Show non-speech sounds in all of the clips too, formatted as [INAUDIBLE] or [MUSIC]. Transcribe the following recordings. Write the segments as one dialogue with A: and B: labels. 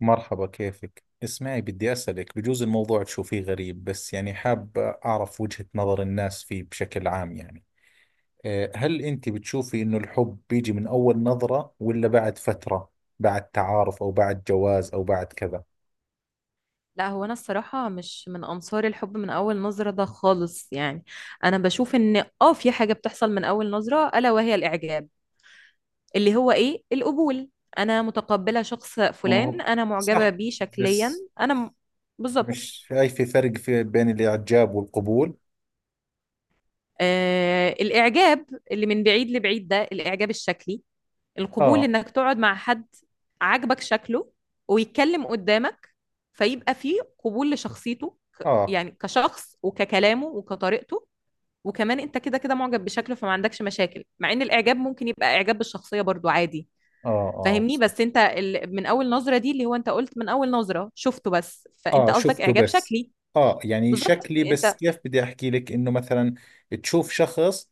A: مرحبا، كيفك؟ اسمعي، بدي أسألك، بجوز الموضوع تشوفيه غريب بس يعني حاب أعرف وجهة نظر الناس فيه بشكل عام. يعني أه، هل أنت بتشوفي إنه الحب بيجي من أول نظرة ولا بعد فترة، بعد تعارف أو بعد جواز أو بعد كذا؟
B: لا، هو انا الصراحه مش من انصار الحب من اول نظره ده خالص، يعني انا بشوف ان في حاجه بتحصل من اول نظره، الا وهي الاعجاب اللي هو ايه القبول. انا متقبله شخص
A: ما
B: فلان،
A: هو
B: انا معجبه
A: صح،
B: بيه شكليا،
A: بس
B: بالظبط.
A: مش شايفة فرق في بين الإعجاب والقبول؟
B: آه، الاعجاب اللي من بعيد لبعيد ده الاعجاب الشكلي. القبول
A: آه،
B: انك تقعد مع حد عاجبك شكله ويتكلم قدامك، فيبقى فيه قبول لشخصيته
A: آه،
B: يعني كشخص وككلامه وكطريقته، وكمان انت كده كده معجب بشكله، فما عندكش مشاكل مع ان الاعجاب ممكن يبقى اعجاب بالشخصية برضو عادي.
A: آه، آه،
B: فاهمني؟ بس انت من اول نظرة دي، اللي هو انت قلت من اول نظرة شفته بس، فانت
A: اه
B: قصدك
A: شفته
B: اعجاب
A: بس.
B: شكلي.
A: اه يعني
B: بالظبط
A: شكلي بس.
B: انت.
A: كيف بدي احكي لك؟ انه مثلا تشوف شخص،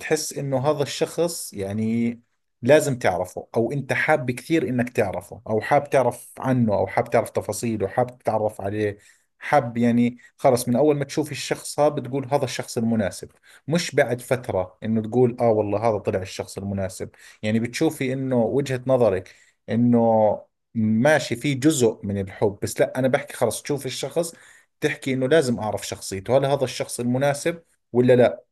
A: تحس انه هذا الشخص يعني لازم تعرفه، او انت حاب كثير انك تعرفه، او حاب تعرف عنه، او حاب تعرف تفاصيله، حاب تتعرف عليه، حاب يعني خلص من اول ما تشوف الشخص هذا بتقول هذا الشخص المناسب، مش بعد فترة انه تقول اه والله هذا طلع الشخص المناسب. يعني بتشوفي انه وجهة نظرك انه ماشي، في جزء من الحب، بس لا انا بحكي خلص تشوف الشخص تحكي انه لازم اعرف شخصيته، هل هذا الشخص المناسب ولا لا.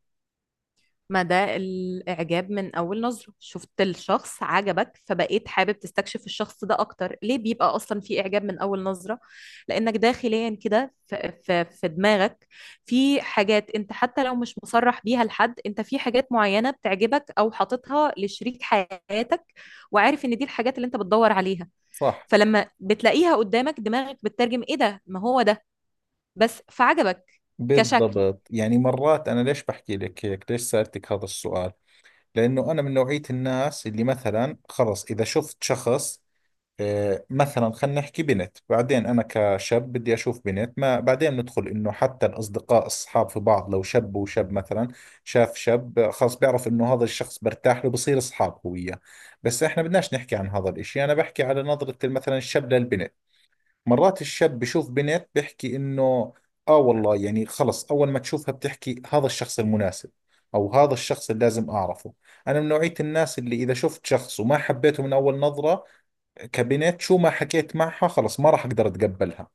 B: ما ده الإعجاب من أول نظرة، شفت الشخص عجبك فبقيت حابب تستكشف الشخص ده أكتر. ليه بيبقى أصلا في إعجاب من أول نظرة؟ لأنك داخليا كده في دماغك في حاجات، أنت حتى لو مش مصرح بيها لحد، أنت في حاجات معينة بتعجبك أو حاططها لشريك حياتك، وعارف إن دي الحاجات اللي أنت بتدور عليها.
A: صح.
B: فلما بتلاقيها قدامك دماغك بتترجم إيه ده، ما هو ده، بس فعجبك كشكل.
A: بالضبط. يعني مرات انا ليش بحكي لك هيك، ليش سألتك هذا السؤال؟ لانه انا من نوعية الناس اللي مثلا خلص اذا شفت شخص آه، مثلا خلينا نحكي بنت، بعدين أنا كشاب بدي أشوف بنت، ما بعدين ندخل إنه حتى الأصدقاء، الصحاب في بعض، لو شاب وشاب مثلا شاف شاب آه، خلص بيعرف إنه هذا الشخص برتاح له، بصير أصحاب هو وياه. بس إحنا بدناش نحكي عن هذا الإشي، أنا بحكي على نظرة مثلا الشاب للبنت. مرات الشاب بشوف بنت بيحكي إنه آه والله يعني خلص أول ما تشوفها بتحكي هذا الشخص المناسب، أو هذا الشخص اللي لازم أعرفه. أنا من نوعية الناس اللي إذا شفت شخص وما حبيته من أول نظرة، كابينات شو ما حكيت معها خلص ما راح اقدر اتقبلها.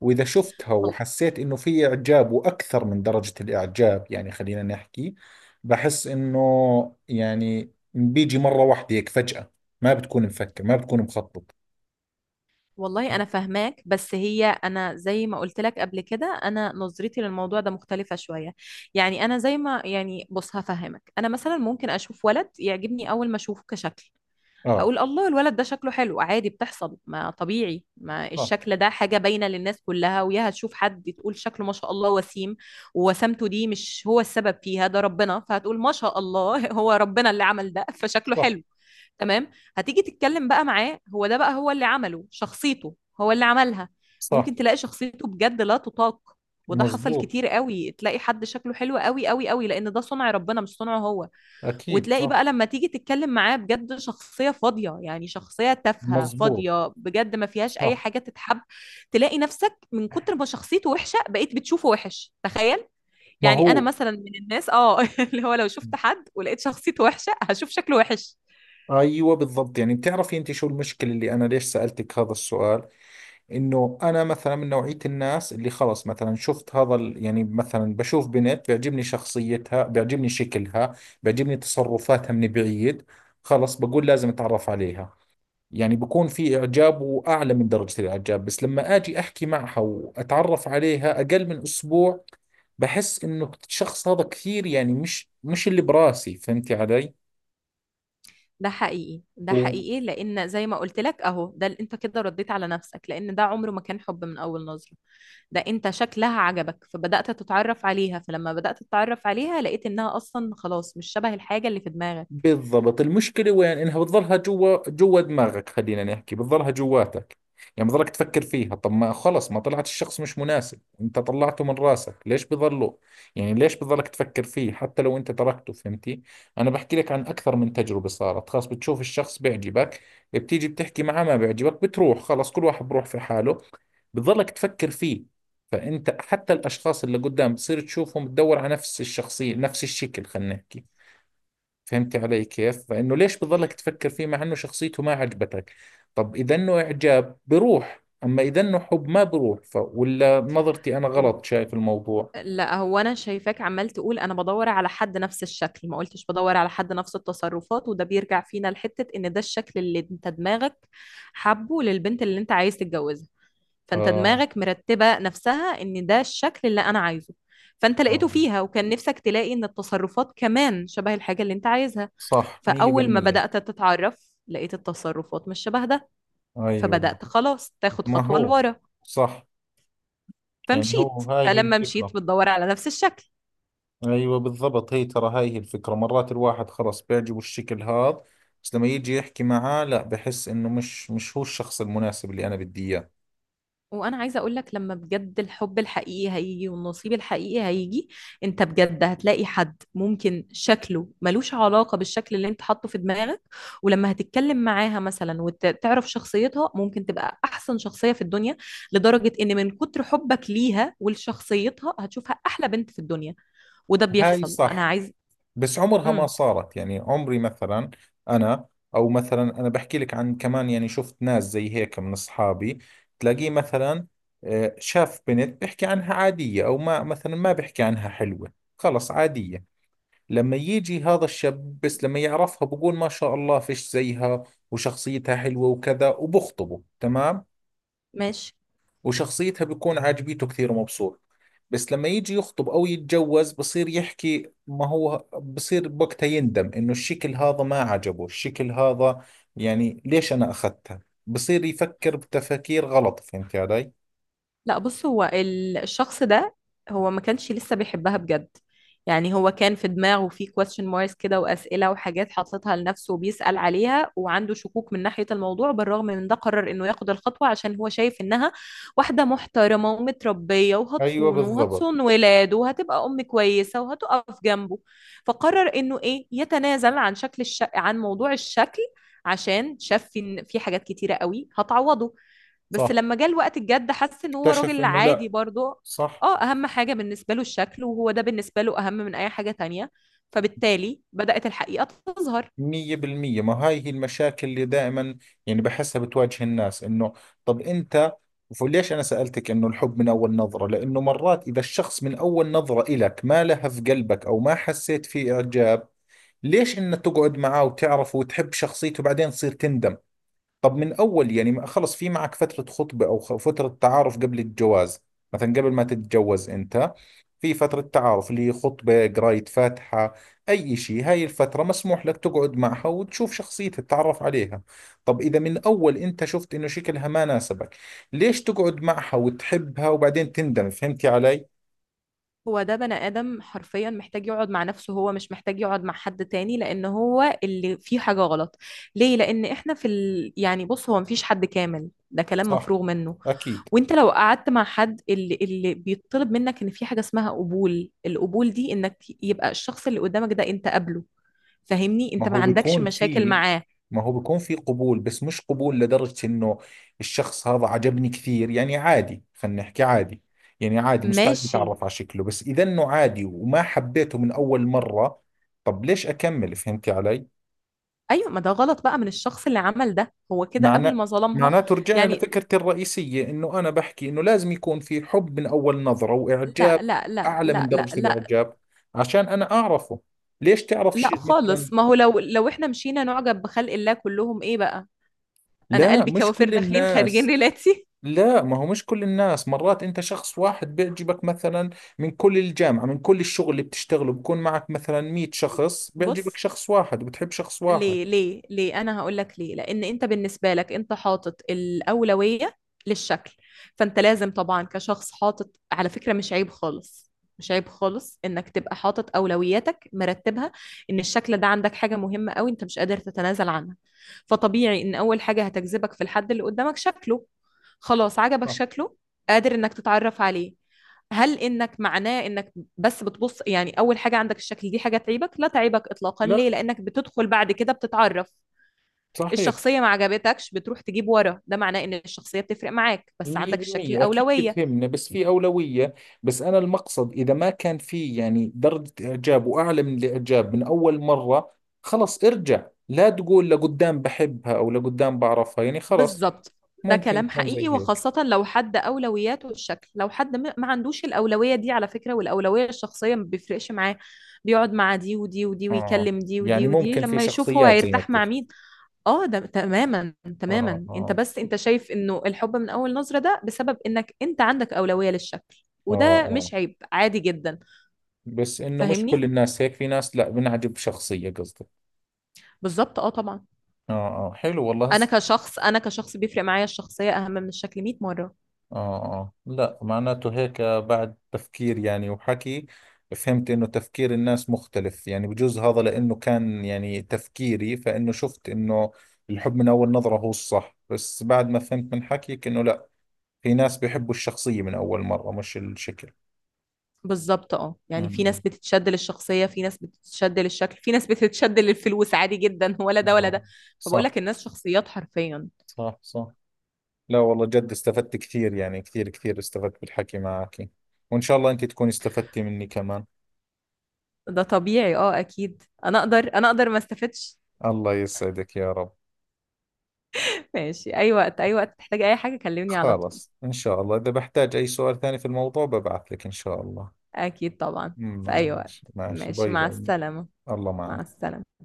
A: واذا شفتها وحسيت انه في اعجاب واكثر من درجة الاعجاب، يعني خلينا نحكي بحس انه يعني بيجي مرة واحدة هيك فجأة، ما بتكون مفكر، ما بتكون مخطط.
B: والله انا فاهماك، بس هي انا زي ما قلت لك قبل كده، انا نظرتي للموضوع ده مختلفة شوية. يعني انا زي ما، يعني بص هفهمك، انا مثلا ممكن اشوف ولد يعجبني اول ما اشوفه كشكل،
A: اه.
B: اقول الله الولد ده شكله حلو. عادي، بتحصل، ما طبيعي، ما
A: صح.
B: الشكل ده حاجة باينة للناس كلها، وياها تشوف حد تقول شكله ما شاء الله وسيم، ووسامته دي مش هو السبب فيها ده ربنا، فهتقول ما شاء الله [LAUGHS] هو ربنا اللي عمل ده فشكله
A: صح.
B: حلو. تمام. هتيجي تتكلم بقى معاه، هو ده بقى هو اللي عمله شخصيته، هو اللي عملها.
A: صح.
B: ممكن تلاقي شخصيته بجد لا تطاق، وده حصل
A: مزبوط.
B: كتير قوي، تلاقي حد شكله حلو قوي قوي قوي لان ده صنع ربنا مش صنعه هو،
A: اكيد
B: وتلاقي
A: صح.
B: بقى لما تيجي تتكلم معاه بجد شخصية فاضية، يعني شخصية تافهة
A: مزبوط.
B: فاضية بجد، ما فيهاش أي
A: صح.
B: حاجة تتحب. تلاقي نفسك من كتر ما شخصيته وحشة بقيت بتشوفه وحش، تخيل.
A: ما
B: يعني أنا
A: هو
B: مثلا من الناس [LAUGHS] اللي هو لو شفت حد ولقيت شخصيته وحشة هشوف شكله وحش.
A: ايوه بالضبط. يعني بتعرفي انت شو المشكلة اللي انا ليش سألتك هذا السؤال؟ انه انا مثلا من نوعية الناس اللي خلص مثلا شفت يعني مثلا بشوف بنت بيعجبني شخصيتها، بيعجبني شكلها، بيعجبني تصرفاتها من بعيد، خلص بقول لازم اتعرف عليها. يعني بكون في اعجاب واعلى من درجة الاعجاب، بس لما اجي احكي معها واتعرف عليها اقل من اسبوع بحس انه الشخص هذا كثير يعني مش اللي براسي. فهمتي علي؟
B: ده حقيقي ده حقيقي، لان زي ما قلت لك اهو ده انت كده رديت على نفسك، لان ده عمره ما كان حب من اول نظرة، ده انت شكلها عجبك فبدأت تتعرف عليها، فلما بدأت تتعرف عليها لقيت انها اصلا خلاص مش شبه الحاجة اللي في دماغك.
A: بالضبط. المشكلة وين؟ انها بتظلها جوا جوا دماغك، خلينا نحكي بتظلها جواتك. يعني بضلك تفكر فيها. طب ما خلص ما طلعت الشخص مش مناسب، انت طلعته من راسك، ليش بضله؟ يعني ليش بضلك تفكر فيه حتى لو انت تركته؟ فهمتي؟ انا بحكي لك عن اكثر من تجربة صارت. خلاص بتشوف الشخص بيعجبك، بتيجي بتحكي معه ما بيعجبك، بتروح، خلاص كل واحد بروح في حاله، بتظلك تفكر فيه. فانت حتى الاشخاص اللي قدام بتصير تشوفهم تدور على نفس الشخصية، نفس الشكل، خلينا نحكي. فهمتي علي كيف؟ فإنه ليش بضلك تفكر فيه مع إنه شخصيته ما عجبتك؟ طب إذا إنه إعجاب بروح، أما إذا إنه حب ما بروح، ولا نظرتي أنا
B: و-
A: غلط شايف الموضوع؟
B: لا، هو انا شايفاك عمال تقول انا بدور على حد نفس الشكل، ما قلتش بدور على حد نفس التصرفات، وده بيرجع فينا لحتة ان ده الشكل اللي انت دماغك حبه للبنت اللي انت عايز تتجوزها. فانت
A: آه.
B: دماغك مرتبه نفسها ان ده الشكل اللي انا عايزه، فانت لقيته
A: آه.
B: فيها وكان نفسك تلاقي ان التصرفات كمان شبه الحاجه اللي انت عايزها.
A: صح
B: فاول ما
A: 100%.
B: بدات تتعرف لقيت التصرفات مش شبه ده،
A: أيوه.
B: فبدات خلاص تاخد
A: ما
B: خطوه
A: هو
B: لورا
A: صح. يعني هو
B: فمشيت،
A: هاي هي
B: فلما
A: الفكرة.
B: مشيت بتدور على نفس الشكل.
A: أيوه بالضبط. هي ترى هاي هي الفكرة. مرات الواحد خلص بيعجبه الشكل هذا، بس لما يجي يحكي معاه لا، بحس إنه مش هو الشخص المناسب اللي أنا بدي إياه.
B: وانا عايزه اقول لك، لما بجد الحب الحقيقي هيجي والنصيب الحقيقي هيجي، انت بجد هتلاقي حد ممكن شكله ملوش علاقه بالشكل اللي انت حاطه في دماغك، ولما هتتكلم معاها مثلا وتعرف شخصيتها ممكن تبقى احسن شخصيه في الدنيا، لدرجه ان من كتر حبك ليها ولشخصيتها هتشوفها احلى بنت في الدنيا. وده
A: هاي
B: بيحصل، انا
A: صح.
B: عايز.
A: بس عمرها ما
B: امم.
A: صارت، يعني عمري مثلا انا، او مثلا انا بحكي لك عن كمان. يعني شفت ناس زي هيك من اصحابي تلاقيه مثلا آه، شاف بنت بيحكي عنها عادية، او ما مثلا ما بيحكي عنها حلوة، خلص عادية. لما يجي هذا الشاب بس لما يعرفها بقول ما شاء الله فيش زيها وشخصيتها حلوة وكذا، وبخطبه تمام،
B: ماشي.
A: وشخصيتها بيكون عاجبيته كثير ومبسوط. بس لما يجي يخطب او يتجوز بصير يحكي، ما هو بصير بوقتها يندم انه الشكل هذا ما عجبه الشكل هذا، يعني ليش انا اخذتها؟ بصير يفكر بتفكير غلط. فهمت علي؟
B: لا بص، هو الشخص ده هو ما كانش لسه بيحبها بجد. يعني هو كان في دماغه في question marks كده، وأسئلة وحاجات حاططها لنفسه وبيسأل عليها، وعنده شكوك من ناحية الموضوع، بالرغم من ده قرر إنه ياخد الخطوة عشان هو شايف إنها واحدة محترمة ومتربية
A: ايوه
B: وهتصونه
A: بالضبط.
B: وهتصون ولاده وهتبقى أم كويسة وهتقف جنبه. فقرر إنه إيه يتنازل عن عن موضوع الشكل، عشان شاف إن في حاجات كتيرة قوي هتعوضه. بس
A: صح.
B: لما جه الوقت الجد حس ان هو
A: اكتشف
B: راجل
A: انه
B: عادي
A: لا.
B: برضه.
A: صح.
B: اه اهم حاجة بالنسبة له الشكل، وهو ده بالنسبة له اهم من اي حاجة تانية، فبالتالي بدأت الحقيقة تظهر.
A: مية بالمية. ما هاي هي المشاكل اللي دائما يعني بحسها بتواجه الناس. انه طب انت، وليش انا سألتك انه الحب من اول نظرة؟ لانه مرات اذا الشخص من اول نظرة الك ما لهف قلبك او ما حسيت فيه اعجاب، ليش انك تقعد معاه وتعرفه وتحب شخصيته بعدين تصير تندم؟ طب من اول يعني خلص في معك فترة خطبة او فترة تعارف قبل الجواز. مثلا قبل ما تتجوز انت في فترة تعارف اللي هي خطبة، قراية فاتحة، اي شيء، هاي الفترة مسموح لك تقعد معها وتشوف شخصيتها تتعرف عليها. طب اذا من اول انت شفت انه شكلها ما ناسبك، ليش تقعد معها وتحبها وبعدين تندم؟ فهمتي علي؟
B: هو ده بني آدم حرفيا محتاج يقعد مع نفسه، هو مش محتاج يقعد مع حد تاني، لأن هو اللي فيه حاجة غلط. ليه؟ لأن احنا يعني بص، هو مفيش حد كامل، ده كلام
A: صح.
B: مفروغ منه.
A: أكيد.
B: وانت لو قعدت مع حد اللي بيطلب منك ان في حاجة اسمها قبول، القبول دي انك يبقى الشخص اللي قدامك ده انت قابله، فاهمني؟
A: ما
B: انت ما
A: هو
B: عندكش
A: بيكون
B: مشاكل
A: في
B: معاه.
A: ما هو بيكون في قبول، بس مش قبول لدرجة انه الشخص هذا عجبني كثير، يعني عادي، خلينا نحكي عادي. يعني عادي مستعد
B: ماشي.
A: اتعرف على شكله، بس اذا انه عادي وما حبيته من اول مرة، طب ليش اكمل؟ فهمتي علي؟
B: ايوه، ما ده غلط بقى من الشخص اللي عمل ده، هو كده قبل
A: معنى،
B: ما ظلمها،
A: معناته رجعنا
B: يعني.
A: لفكرتي الرئيسية انه انا بحكي انه لازم يكون في حب من اول نظرة واعجاب
B: لا لا لا
A: اعلى من
B: لا لا
A: درجة
B: لا.
A: الاعجاب عشان انا اعرفه. ليش تعرف
B: لا
A: شيء مثلا؟
B: خالص، ما هو لو احنا مشينا نعجب بخلق الله كلهم ايه بقى؟ انا
A: لا،
B: قلبي
A: مش
B: كوافير
A: كل
B: داخلين خارجين
A: الناس.
B: ريلاتي
A: لا ما هو مش كل الناس، مرات انت شخص واحد بيعجبك مثلا من كل الجامعة، من كل الشغل اللي بتشتغله بكون معك مثلا 100 شخص،
B: [LAUGHS]
A: بيعجبك
B: بص.
A: شخص واحد وبتحب شخص واحد.
B: ليه ليه ليه؟ انا هقول لك ليه. لان انت بالنسبه لك انت حاطط الاولويه للشكل، فانت لازم طبعا كشخص حاطط، على فكره مش عيب خالص، مش عيب خالص انك تبقى حاطط اولوياتك مرتبها، ان الشكل ده عندك حاجه مهمه قوي، انت مش قادر تتنازل عنها. فطبيعي ان اول حاجه هتجذبك في الحد اللي قدامك شكله، خلاص عجبك
A: صح.
B: شكله، قادر انك تتعرف عليه، هل انك معناه انك بس بتبص؟ يعني اول حاجه عندك الشكل، دي حاجه تعيبك؟ لا تعيبك اطلاقا. ليه؟
A: لا
B: لانك بتدخل بعد كده بتتعرف،
A: صحيح.
B: الشخصيه ما عجبتكش بتروح تجيب ورا، ده معناه ان الشخصيه بتفرق معاك، بس عندك الشكل
A: 100% أكيد
B: اولويه.
A: بتهمنا، بس في أولوية. بس أنا المقصد إذا ما كان في يعني درجة إعجاب وأعلى من الإعجاب من أول مرة، خلص ارجع لا تقول لقدام بحبها أو لقدام بعرفها، يعني خلص
B: بالظبط. ده
A: ممكن
B: كلام
A: تكون
B: حقيقي،
A: زي هيك.
B: وخاصة لو حد أولوياته الشكل. لو حد ما عندوش الأولوية دي، على فكرة، والأولوية الشخصية ما بيفرقش معاه، بيقعد مع دي ودي ودي
A: آه.
B: ويكلم دي
A: يعني
B: ودي ودي
A: ممكن في
B: لما يشوف هو
A: شخصيات زي ما
B: هيرتاح مع
A: بتحكي.
B: مين. اه، ده تماما،
A: اه،
B: تماما. انت
A: اه،
B: بس انت شايف انه الحب من اول نظرة ده بسبب انك انت عندك اولوية للشكل،
A: اه،
B: وده
A: اه.
B: مش عيب، عادي جدا،
A: بس انه مش
B: فاهمني؟
A: كل الناس هيك، في ناس لا، بنعجب شخصية قصدي.
B: بالظبط. اه طبعا.
A: اه اه، حلو والله هسه.
B: انا كشخص بيفرق معايا الشخصية اهم من الشكل 100 مرة.
A: اه اه. لا معناته هيك بعد تفكير يعني وحكي فهمت انه تفكير الناس مختلف. يعني بجوز هذا لانه كان يعني تفكيري، فانه شفت انه الحب من اول نظرة هو الصح، بس بعد ما فهمت من حكيك انه لا، في ناس بيحبوا الشخصية من اول مرة مش الشكل.
B: بالظبط، يعني في ناس
A: امم.
B: بتتشد للشخصية، في ناس بتتشد للشكل، في ناس بتتشد للفلوس عادي جدا [LAUGHS] ولا ده ولا
A: آه.
B: ده. فبقول
A: صح.
B: لك الناس شخصيات حرفيا.
A: صح. صح. لا والله جد استفدت كثير، يعني كثير كثير استفدت بالحكي معك. وإن شاء الله أنت تكوني استفدتي مني كمان.
B: ده طبيعي، اكيد. انا اقدر ما استفدش.
A: الله يسعدك يا رب.
B: [LAUGHS] ماشي، اي وقت اي وقت تحتاج اي حاجة كلمني على طول.
A: خلاص إن شاء الله إذا بحتاج أي سؤال ثاني في الموضوع ببعث لك إن شاء الله.
B: أكيد طبعا. في أي وقت.
A: ماشي ماشي.
B: ماشي،
A: باي
B: مع
A: باي.
B: السلامة.
A: الله
B: مع
A: معك.
B: السلامة.